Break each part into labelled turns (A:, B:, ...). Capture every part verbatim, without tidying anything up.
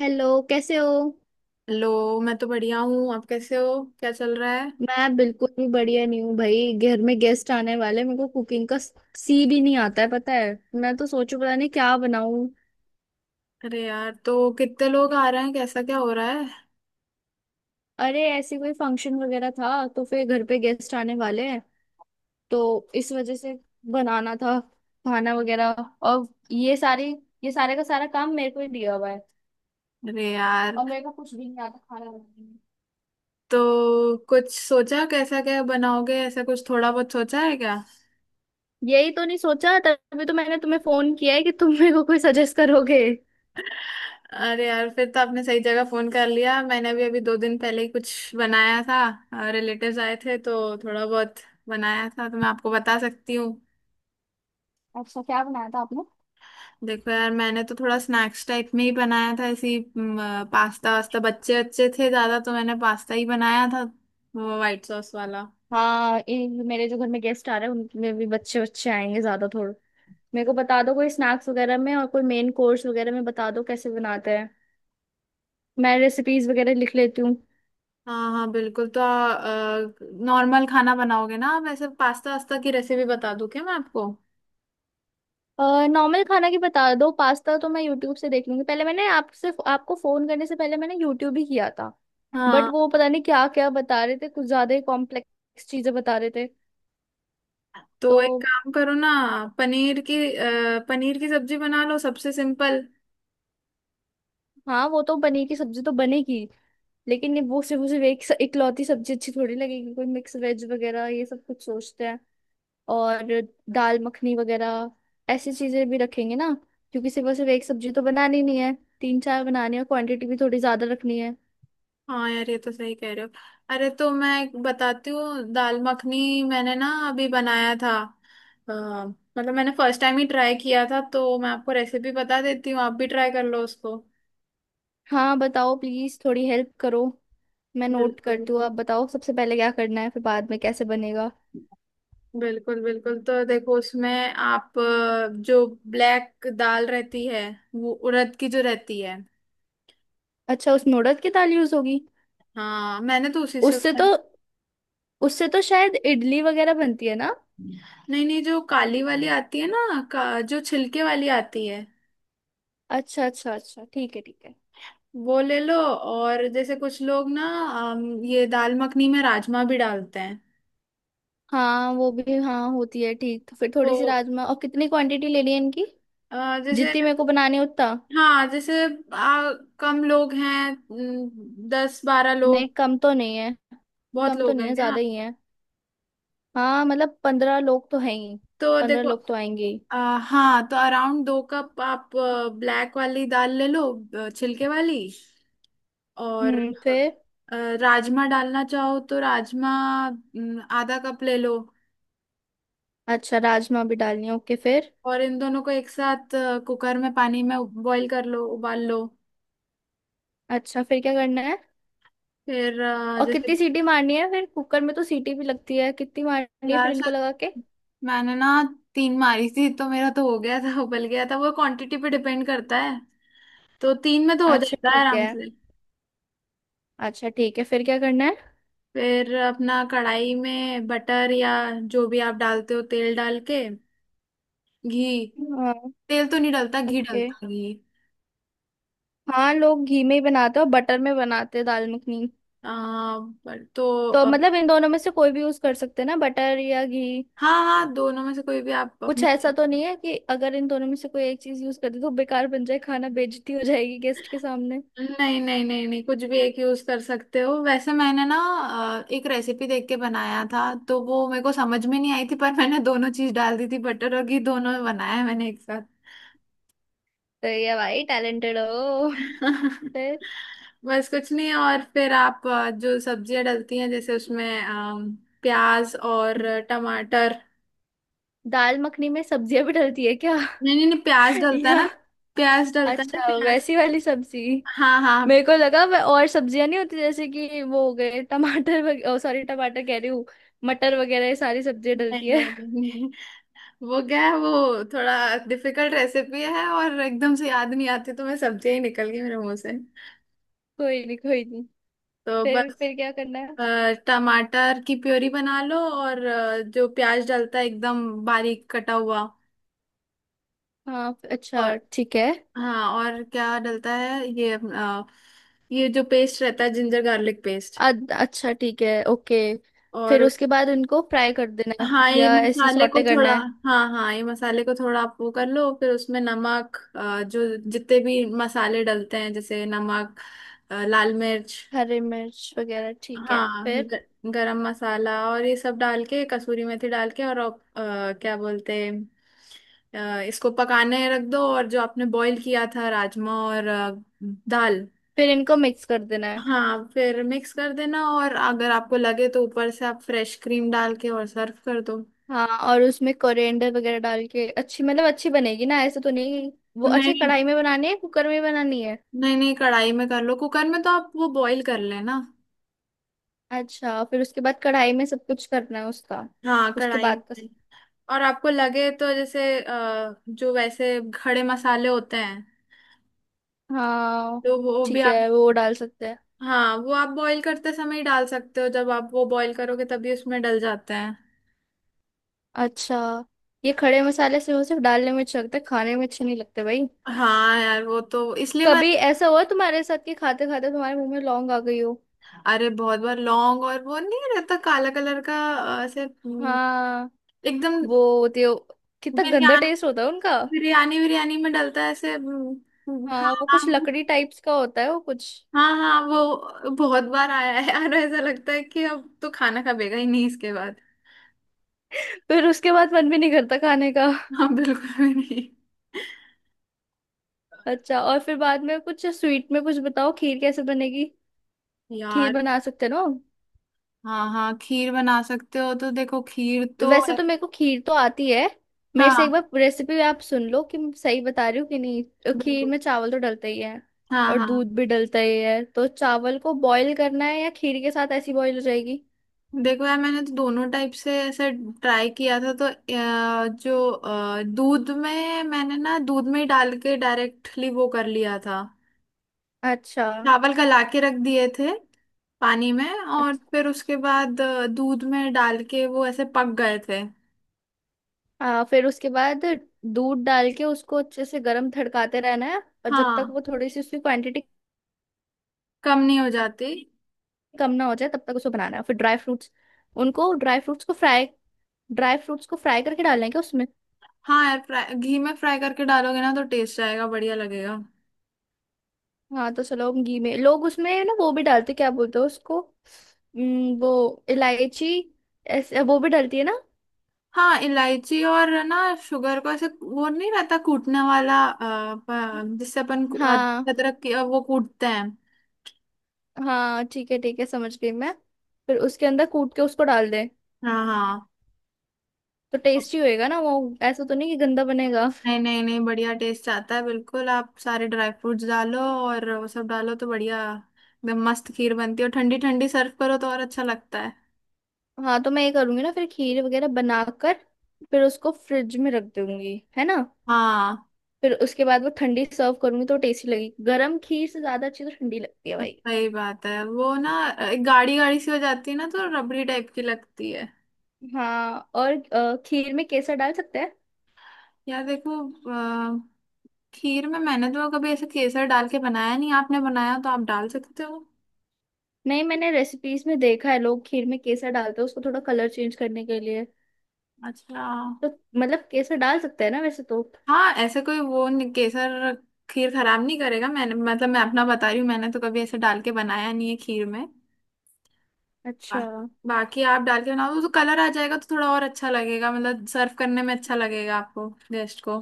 A: Hello. कैसे हो?
B: Hello. मैं तो बढ़िया हूँ, आप कैसे हो? क्या चल रहा है?
A: मैं बिल्कुल भी बढ़िया नहीं हूँ भाई, घर में गेस्ट आने वाले हैं, मेरे को कुकिंग का सी भी नहीं आता है, पता है। मैं तो सोचू पता नहीं क्या बनाऊं।
B: अरे यार, तो कितने लोग आ रहे हैं? कैसा क्या हो रहा है?
A: अरे ऐसी कोई फंक्शन वगैरह था, तो फिर घर पे गेस्ट आने वाले हैं, तो इस वजह से बनाना था खाना वगैरह। और ये सारी ये सारे का सारा काम मेरे को ही दिया हुआ है।
B: अरे यार,
A: और मेरे को कुछ भी नहीं आता खाना बनाने में।
B: तो कुछ सोचा? कैसा क्या बनाओगे? ऐसा कुछ थोड़ा बहुत सोचा है क्या?
A: यही तो नहीं सोचा, तभी तो मैंने तुम्हें फोन किया है कि तुम मेरे को कोई सजेस्ट करोगे।
B: अरे यार, फिर तो आपने सही जगह फोन कर लिया। मैंने भी अभी दो दिन पहले ही कुछ बनाया था, रिलेटिव्स आए थे, तो थोड़ा बहुत बनाया था, तो मैं आपको बता सकती हूँ।
A: अच्छा, क्या बनाया था आपने?
B: देखो यार, मैंने तो थोड़ा स्नैक्स टाइप में ही बनाया था, ऐसी पास्ता वास्ता। बच्चे अच्छे थे ज्यादा, तो मैंने पास्ता ही बनाया था, वो व्हाइट सॉस वाला।
A: हाँ, इन- मेरे जो घर में गेस्ट आ रहे हैं उनमें भी बच्चे बच्चे आएंगे ज्यादा थोड़े। मेरे को बता दो कोई स्नैक्स वगैरह में और कोई मेन कोर्स वगैरह में, बता दो कैसे बनाते हैं। मैं रेसिपीज वगैरह लिख लेती हूँ।
B: हाँ हाँ, बिल्कुल। तो नॉर्मल खाना बनाओगे ना आप? ऐसे पास्ता वास्ता की रेसिपी बता दूं क्या मैं आपको?
A: नॉर्मल खाना की बता दो, पास्ता तो मैं यूट्यूब से देख लूंगी। पहले मैंने आपसे आपको फोन करने से पहले मैंने यूट्यूब ही किया था। बट
B: हाँ,
A: वो पता नहीं क्या क्या बता रहे थे, कुछ ज्यादा ही कॉम्प्लेक्स चीजें बता रहे थे
B: तो एक
A: तो।
B: काम करो ना, पनीर की अ, पनीर की सब्जी बना लो, सबसे सिंपल।
A: हाँ, वो तो पनीर की सब्जी तो बनेगी, लेकिन ये वो सिर्फ वो सिर्फ एक इकलौती सब्जी अच्छी थोड़ी लगेगी। कोई मिक्स वेज वगैरह ये सब कुछ सोचते हैं। और दाल मखनी वगैरह ऐसी चीजें भी रखेंगे ना। क्योंकि सिर्फ और सिर्फ एक सब्जी तो बनानी नहीं है, तीन चार बनानी है। क्वांटिटी भी थोड़ी ज्यादा रखनी है।
B: हाँ यार, ये तो सही कह रहे हो। अरे, तो मैं एक बताती हूँ, दाल मखनी मैंने ना अभी बनाया था। अ, मतलब मैंने फर्स्ट टाइम ही ट्राई किया था, तो मैं आपको रेसिपी बता देती हूँ, आप भी ट्राई कर लो उसको।
A: हाँ बताओ, प्लीज थोड़ी हेल्प करो। मैं नोट
B: बिल्कुल।
A: करती हूँ, आप बताओ सबसे पहले क्या करना है फिर बाद में कैसे बनेगा।
B: बिल्कुल बिल्कुल। तो देखो, उसमें आप अ, जो ब्लैक दाल रहती है, वो उड़द की जो रहती है।
A: अच्छा, उसमें उड़द की दाल यूज होगी?
B: हाँ, मैंने तो उसी से
A: उससे तो
B: बनाया।
A: उससे तो शायद इडली वगैरह बनती है ना?
B: नहीं नहीं, जो काली वाली आती है ना का, जो छिलके वाली आती है,
A: अच्छा, अच्छा, अच्छा, ठीक है, ठीक है।
B: वो ले लो। और जैसे कुछ लोग ना अम, ये दाल मखनी में राजमा भी डालते हैं।
A: हाँ वो भी हाँ, होती है ठीक। तो फिर
B: तो
A: थोड़ी सी राजमा। और कितनी क्वांटिटी लेनी है इनकी?
B: अ, जैसे,
A: जितनी मेरे को बनानी है उतना।
B: हाँ जैसे, आ, कम लोग हैं न, दस बारह
A: नहीं,
B: लोग?
A: कम तो नहीं है।
B: बहुत
A: कम तो
B: लोग
A: नहीं
B: हैं
A: है,
B: क्या?
A: ज्यादा ही है। हाँ मतलब पंद्रह लोग तो हैं ही।
B: तो
A: पंद्रह
B: देखो,
A: लोग तो आएंगे ही।
B: अ, हाँ, तो अराउंड दो कप आप ब्लैक वाली दाल ले लो, अ, छिलके वाली। और
A: हम्म फिर?
B: अ, राजमा डालना चाहो तो राजमा न, आधा कप ले लो।
A: अच्छा, राजमा भी डालनी है, ओके फिर।
B: और इन दोनों को एक साथ अ, कुकर में पानी में बॉईल कर लो, उबाल लो।
A: अच्छा, फिर क्या करना है?
B: फिर अ,
A: और
B: जैसे,
A: कितनी सीटी मारनी है फिर? कुकर में तो सीटी भी लगती है, कितनी मारनी है फिर
B: यार
A: इनको लगा के?
B: शायद मैंने ना तीन मारी थी, तो मेरा तो हो गया था, उबल गया था। वो क्वांटिटी पे डिपेंड करता है, तो तीन में तो हो
A: अच्छा,
B: जाता है
A: ठीक है।
B: आराम से।
A: अच्छा, ठीक है, फिर क्या करना है?
B: फिर अपना कढ़ाई में बटर या जो भी आप डालते हो, तेल डाल के, घी।
A: हाँ।
B: तेल तो नहीं डलता, घी
A: ओके।
B: डलता है, घी।
A: हाँ, लोग घी में ही बनाते हैं और बटर में बनाते हैं दाल मखनी।
B: आ, पर तो
A: तो
B: अ,
A: मतलब इन दोनों में से कोई भी यूज कर सकते हैं ना, बटर या घी?
B: हाँ हाँ, दोनों में से कोई भी आप
A: कुछ
B: अपने।
A: ऐसा तो नहीं है कि अगर इन दोनों में से कोई एक चीज यूज कर दे तो बेकार बन जाए खाना, बेइज्जती हो जाएगी गेस्ट के सामने?
B: नहीं नहीं नहीं नहीं, कुछ भी एक यूज कर सकते हो। वैसे मैंने ना अ, एक रेसिपी देख के बनाया था, तो वो मेरे को समझ में नहीं आई थी, पर मैंने दोनों चीज डाल दी थी, बटर और घी दोनों, बनाया है मैंने एक साथ।
A: तो ये भाई टैलेंटेड हो। फिर?
B: बस कुछ नहीं। और फिर आप अ, जो सब्जियां डलती हैं जैसे उसमें अम, प्याज और टमाटर।
A: दाल मखनी में सब्जियां भी डलती है क्या?
B: नहीं नहीं नहीं, प्याज डलता है
A: या?
B: ना, प्याज डलता है ना,
A: अच्छा,
B: प्याज।
A: वैसी वाली सब्जी।
B: हाँ हाँ हाँ।
A: मेरे को लगा वह और सब्जियां नहीं होती, जैसे कि वो हो गए टमाटर वगैरह, सॉरी टमाटर कह रही हूँ, मटर वगैरह, ये सारी सब्जियां डलती
B: नहीं
A: है।
B: नहीं नहीं नहीं। वो क्या है, वो थोड़ा डिफिकल्ट रेसिपी है और एकदम से याद नहीं आती, तो मैं सब्जियां ही निकल गई मेरे मुंह से।
A: कोई नहीं, कोई नहीं।
B: तो
A: फिर
B: बस,
A: फिर क्या करना है?
B: अ, टमाटर की प्योरी बना लो और अ, जो प्याज डलता है एकदम बारीक कटा हुआ।
A: हाँ, अच्छा,
B: और
A: ठीक है।
B: हाँ, और क्या डलता है ये अ, ये जो पेस्ट रहता है, जिंजर गार्लिक पेस्ट।
A: अद- अच्छा, ठीक है, ओके। फिर
B: और
A: उसके बाद उनको फ्राई कर देना है?
B: हाँ, ये
A: या ऐसी
B: मसाले को
A: सॉटे करना
B: थोड़ा।
A: है?
B: हाँ हाँ, ये मसाले को थोड़ा आप वो कर लो। फिर उसमें नमक अ, जो जितने भी मसाले डलते हैं, जैसे नमक, अ, लाल मिर्च।
A: हरी मिर्च वगैरह ठीक है।
B: हाँ
A: फिर?
B: ग, गरम मसाला और ये सब डाल के, कसूरी मेथी डाल के, और आप, अ, क्या बोलते हैं, अ, इसको पकाने रख दो। और जो आपने बॉईल किया था, राजमा और अ, दाल,
A: फिर इनको मिक्स कर देना है?
B: हाँ, फिर मिक्स कर देना। और अगर आपको लगे तो ऊपर से आप फ्रेश क्रीम डाल के और सर्व कर दो।
A: हाँ, और उसमें कोरिएंडर वगैरह डाल के अच्छी, मतलब अच्छी बनेगी ना? ऐसे तो नहीं कि- वो अच्छे?
B: नहीं
A: कढ़ाई में बनानी है, कुकर में बनानी है?
B: नहीं नहीं, कढ़ाई में कर लो, कुकर में तो आप वो बॉईल कर लेना।
A: अच्छा, फिर उसके बाद कढ़ाई में सब कुछ करना है उसका?
B: हाँ,
A: उसके
B: कढ़ाई
A: बाद का?
B: में। और आपको लगे तो जैसे अ, जो वैसे खड़े मसाले होते हैं,
A: हाँ
B: तो वो भी
A: ठीक
B: आप।
A: है, वो डाल सकते हैं।
B: हाँ, वो आप बॉईल करते समय ही डाल सकते हो। जब आप वो बॉईल करोगे, तभी उसमें डल जाते हैं।
A: अच्छा। ये खड़े मसाले सिर्फ सिर्फ डालने में अच्छा लगता है, खाने में अच्छे नहीं लगते भाई।
B: हाँ यार, वो तो इसलिए मैं।
A: कभी ऐसा हुआ तुम्हारे साथ कि खाते खाते तुम्हारे मुंह में लौंग आ गई हो?
B: अरे बहुत बार, लौंग और वो नहीं रहता काला कलर का, अ, ऐसे हम्म,
A: हाँ,
B: एकदम
A: वो होती हो। कितना गंदा
B: बिरयानी,
A: टेस्ट होता है उनका।
B: बिरयानी बिरयानी में डलता है, ऐसे हम्म, हाँ
A: हाँ, वो कुछ
B: हाँ।
A: लकड़ी टाइप्स का होता है वो कुछ।
B: हाँ हाँ, वो बहुत बार आया है यार। ऐसा लगता है कि अब तो खाना खाबेगा ही नहीं इसके बाद।
A: फिर उसके बाद मन भी नहीं करता खाने का।
B: हाँ, बिल्कुल भी नहीं।
A: अच्छा, और फिर बाद में कुछ स्वीट में कुछ बताओ, खीर कैसे बनेगी? खीर
B: यार,
A: बना सकते हो ना हम?
B: हाँ हाँ, खीर बना सकते हो। तो देखो खीर तो,
A: वैसे तो मेरे को खीर तो आती है। मेरे से एक
B: हाँ,
A: बार रेसिपी आप सुन लो कि मैं सही बता रही हूँ कि नहीं। तो खीर
B: बिल्कुल।
A: में चावल तो डलता ही है।
B: हाँ
A: और
B: हाँ,
A: दूध भी डलता ही है। तो चावल को बॉईल करना है या खीर के साथ ऐसी बॉईल हो जाएगी?
B: देखो यार, मैंने तो दोनों टाइप से ऐसे ट्राई किया था। तो अ, जो अ, दूध में, मैंने ना दूध में ही डाल के डायरेक्टली वो कर लिया था।
A: अच्छा।
B: चावल गला के रख दिए थे पानी में, और
A: अच्छा।
B: फिर उसके बाद अ, दूध में डाल के वो ऐसे पक गए थे।
A: आ, फिर उसके बाद दूध डाल के उसको अच्छे से गर्म थड़काते रहना है। और जब तक वो
B: हाँ,
A: थोड़ी सी उसकी क्वांटिटी
B: कम नहीं हो जाती।
A: कम ना हो जाए तब तक उसको बनाना है। फिर ड्राई फ्रूट्स उनको ड्राई फ्रूट्स को फ्राई ड्राई फ्रूट्स को फ्राई करके डालना है क्या उसमें?
B: हाँ यार, फ्राई, घी में फ्राई करके डालोगे ना तो टेस्ट आएगा, बढ़िया लगेगा।
A: हाँ तो चलो, हम घी में। लोग उसमें ना वो भी डालते, क्या बोलते हैं उसको, उम, वो इलायची, ऐसे वो भी डलती है ना?
B: हाँ, इलायची और ना शुगर को ऐसे वो नहीं रहता कूटने वाला, अ, प- जिससे अपन कू- अ,
A: हाँ,
B: अदरक की अ, वो कूटते हैं।
A: हाँ, ठीक है, ठीक है, समझ गई मैं। फिर उसके अंदर कूट के उसको डाल दे।
B: हाँ
A: तो
B: हाँ।
A: टेस्टी होएगा ना वो? ऐसा तो नहीं कि गंदा बनेगा?
B: नहीं नहीं नहीं, बढ़िया टेस्ट आता है बिल्कुल। आप सारे ड्राई फ्रूट्स डालो और वो सब डालो तो बढ़िया, एकदम मस्त खीर बनती है। और ठंडी ठंडी सर्व करो तो और अच्छा लगता है।
A: हाँ, तो मैं ये करूंगी ना फिर खीर वगैरह बनाकर। फिर उसको फ्रिज में रख दूंगी है ना?
B: हाँ।
A: फिर उसके बाद वो ठंडी सर्व करूंगी तो टेस्टी लगेगी। गरम खीर से ज्यादा अच्छी तो ठंडी लगती है भाई।
B: सही बात है, वो ना गाड़ी गाड़ी सी हो जाती है ना, तो रबड़ी टाइप की लगती है।
A: हाँ, और अ, खीर में केसर डाल सकते हैं?
B: यार देखो, खीर में मैंने तो कभी ऐसे केसर डाल के बनाया नहीं। आपने बनाया तो आप डाल सकते हो।
A: नहीं, मैंने रेसिपीज में देखा है, लोग खीर में केसर डालते हैं उसको थोड़ा कलर चेंज करने के लिए।
B: अच्छा,
A: तो मतलब केसर डाल सकते हैं ना वैसे तो?
B: हाँ, ऐसे कोई वो नहीं, केसर खीर खराब नहीं करेगा। मैंने, मतलब मैं अपना बता रही हूँ, मैंने तो कभी ऐसे डाल के बनाया नहीं है खीर में। बा,
A: अच्छा।
B: बाकी आप डाल के बनाओ तो कलर आ जाएगा, तो थोड़ा और अच्छा लगेगा, मतलब सर्व करने में अच्छा लगेगा आपको गेस्ट को।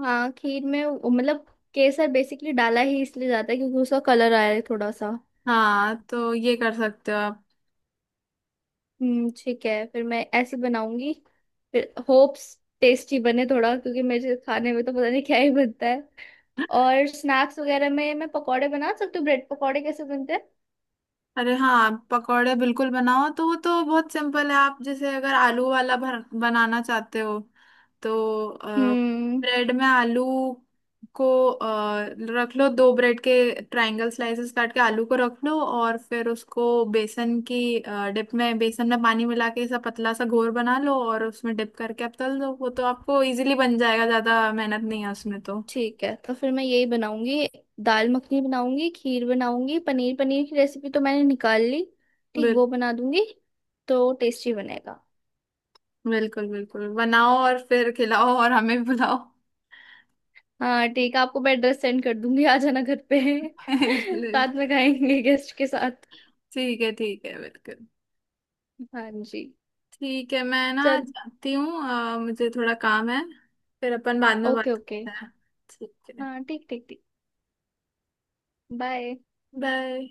A: हाँ, खीर में वो- मतलब केसर बेसिकली डाला ही इसलिए जाता है, क्योंकि उसका कलर आया है थोड़ा सा।
B: हाँ, तो ये कर सकते हो आप।
A: हम्म ठीक है, फिर मैं ऐसे बनाऊंगी। फिर होप्स टेस्टी बने थोड़ा, क्योंकि मेरे खाने में तो पता नहीं क्या ही बनता है। और स्नैक्स वगैरह में मैं पकौड़े बना सकती हूँ, ब्रेड पकौड़े कैसे बनते हैं?
B: अरे हाँ, पकौड़े बिल्कुल बनाओ, तो वो तो बहुत सिंपल है। आप जैसे अगर आलू वाला भर बनाना चाहते हो, तो अ,
A: हम्म
B: ब्रेड में आलू को अ, रख लो, दो ब्रेड के ट्रायंगल स्लाइसेस काट के आलू को रख लो, और फिर उसको बेसन की डिप में, बेसन में पानी मिला के ऐसा पतला सा घोर बना लो, और उसमें डिप करके आप तल दो। वो तो आपको इजीली बन जाएगा, ज्यादा मेहनत नहीं है उसमें तो।
A: ठीक है, तो फिर मैं यही बनाऊंगी। दाल मखनी बनाऊंगी, खीर बनाऊंगी, पनीर पनीर की रेसिपी तो मैंने निकाल ली। ठीक,
B: बिल
A: वो बना दूंगी। तो टेस्टी बनेगा।
B: बिल्कुल बिल्कुल बनाओ और फिर खिलाओ, और हमें बुलाओ।
A: हाँ ठीक है, आपको मैं एड्रेस सेंड कर दूंगी, आ जाना घर पे।
B: बिल्कुल बिल्कुल।
A: साथ में खाएंगे गेस्ट के साथ।
B: ठीक है ठीक है, बिल्कुल।
A: हाँ जी।
B: ठीक है, मैं ना
A: चल।
B: जाती हूँ, अ, मुझे थोड़ा काम है। फिर अपन बाद में
A: ओके,
B: बात
A: ओके।
B: करते हैं। ठीक है।
A: हाँ, ठीक, ठीक, ठीक। बाय।
B: बाय।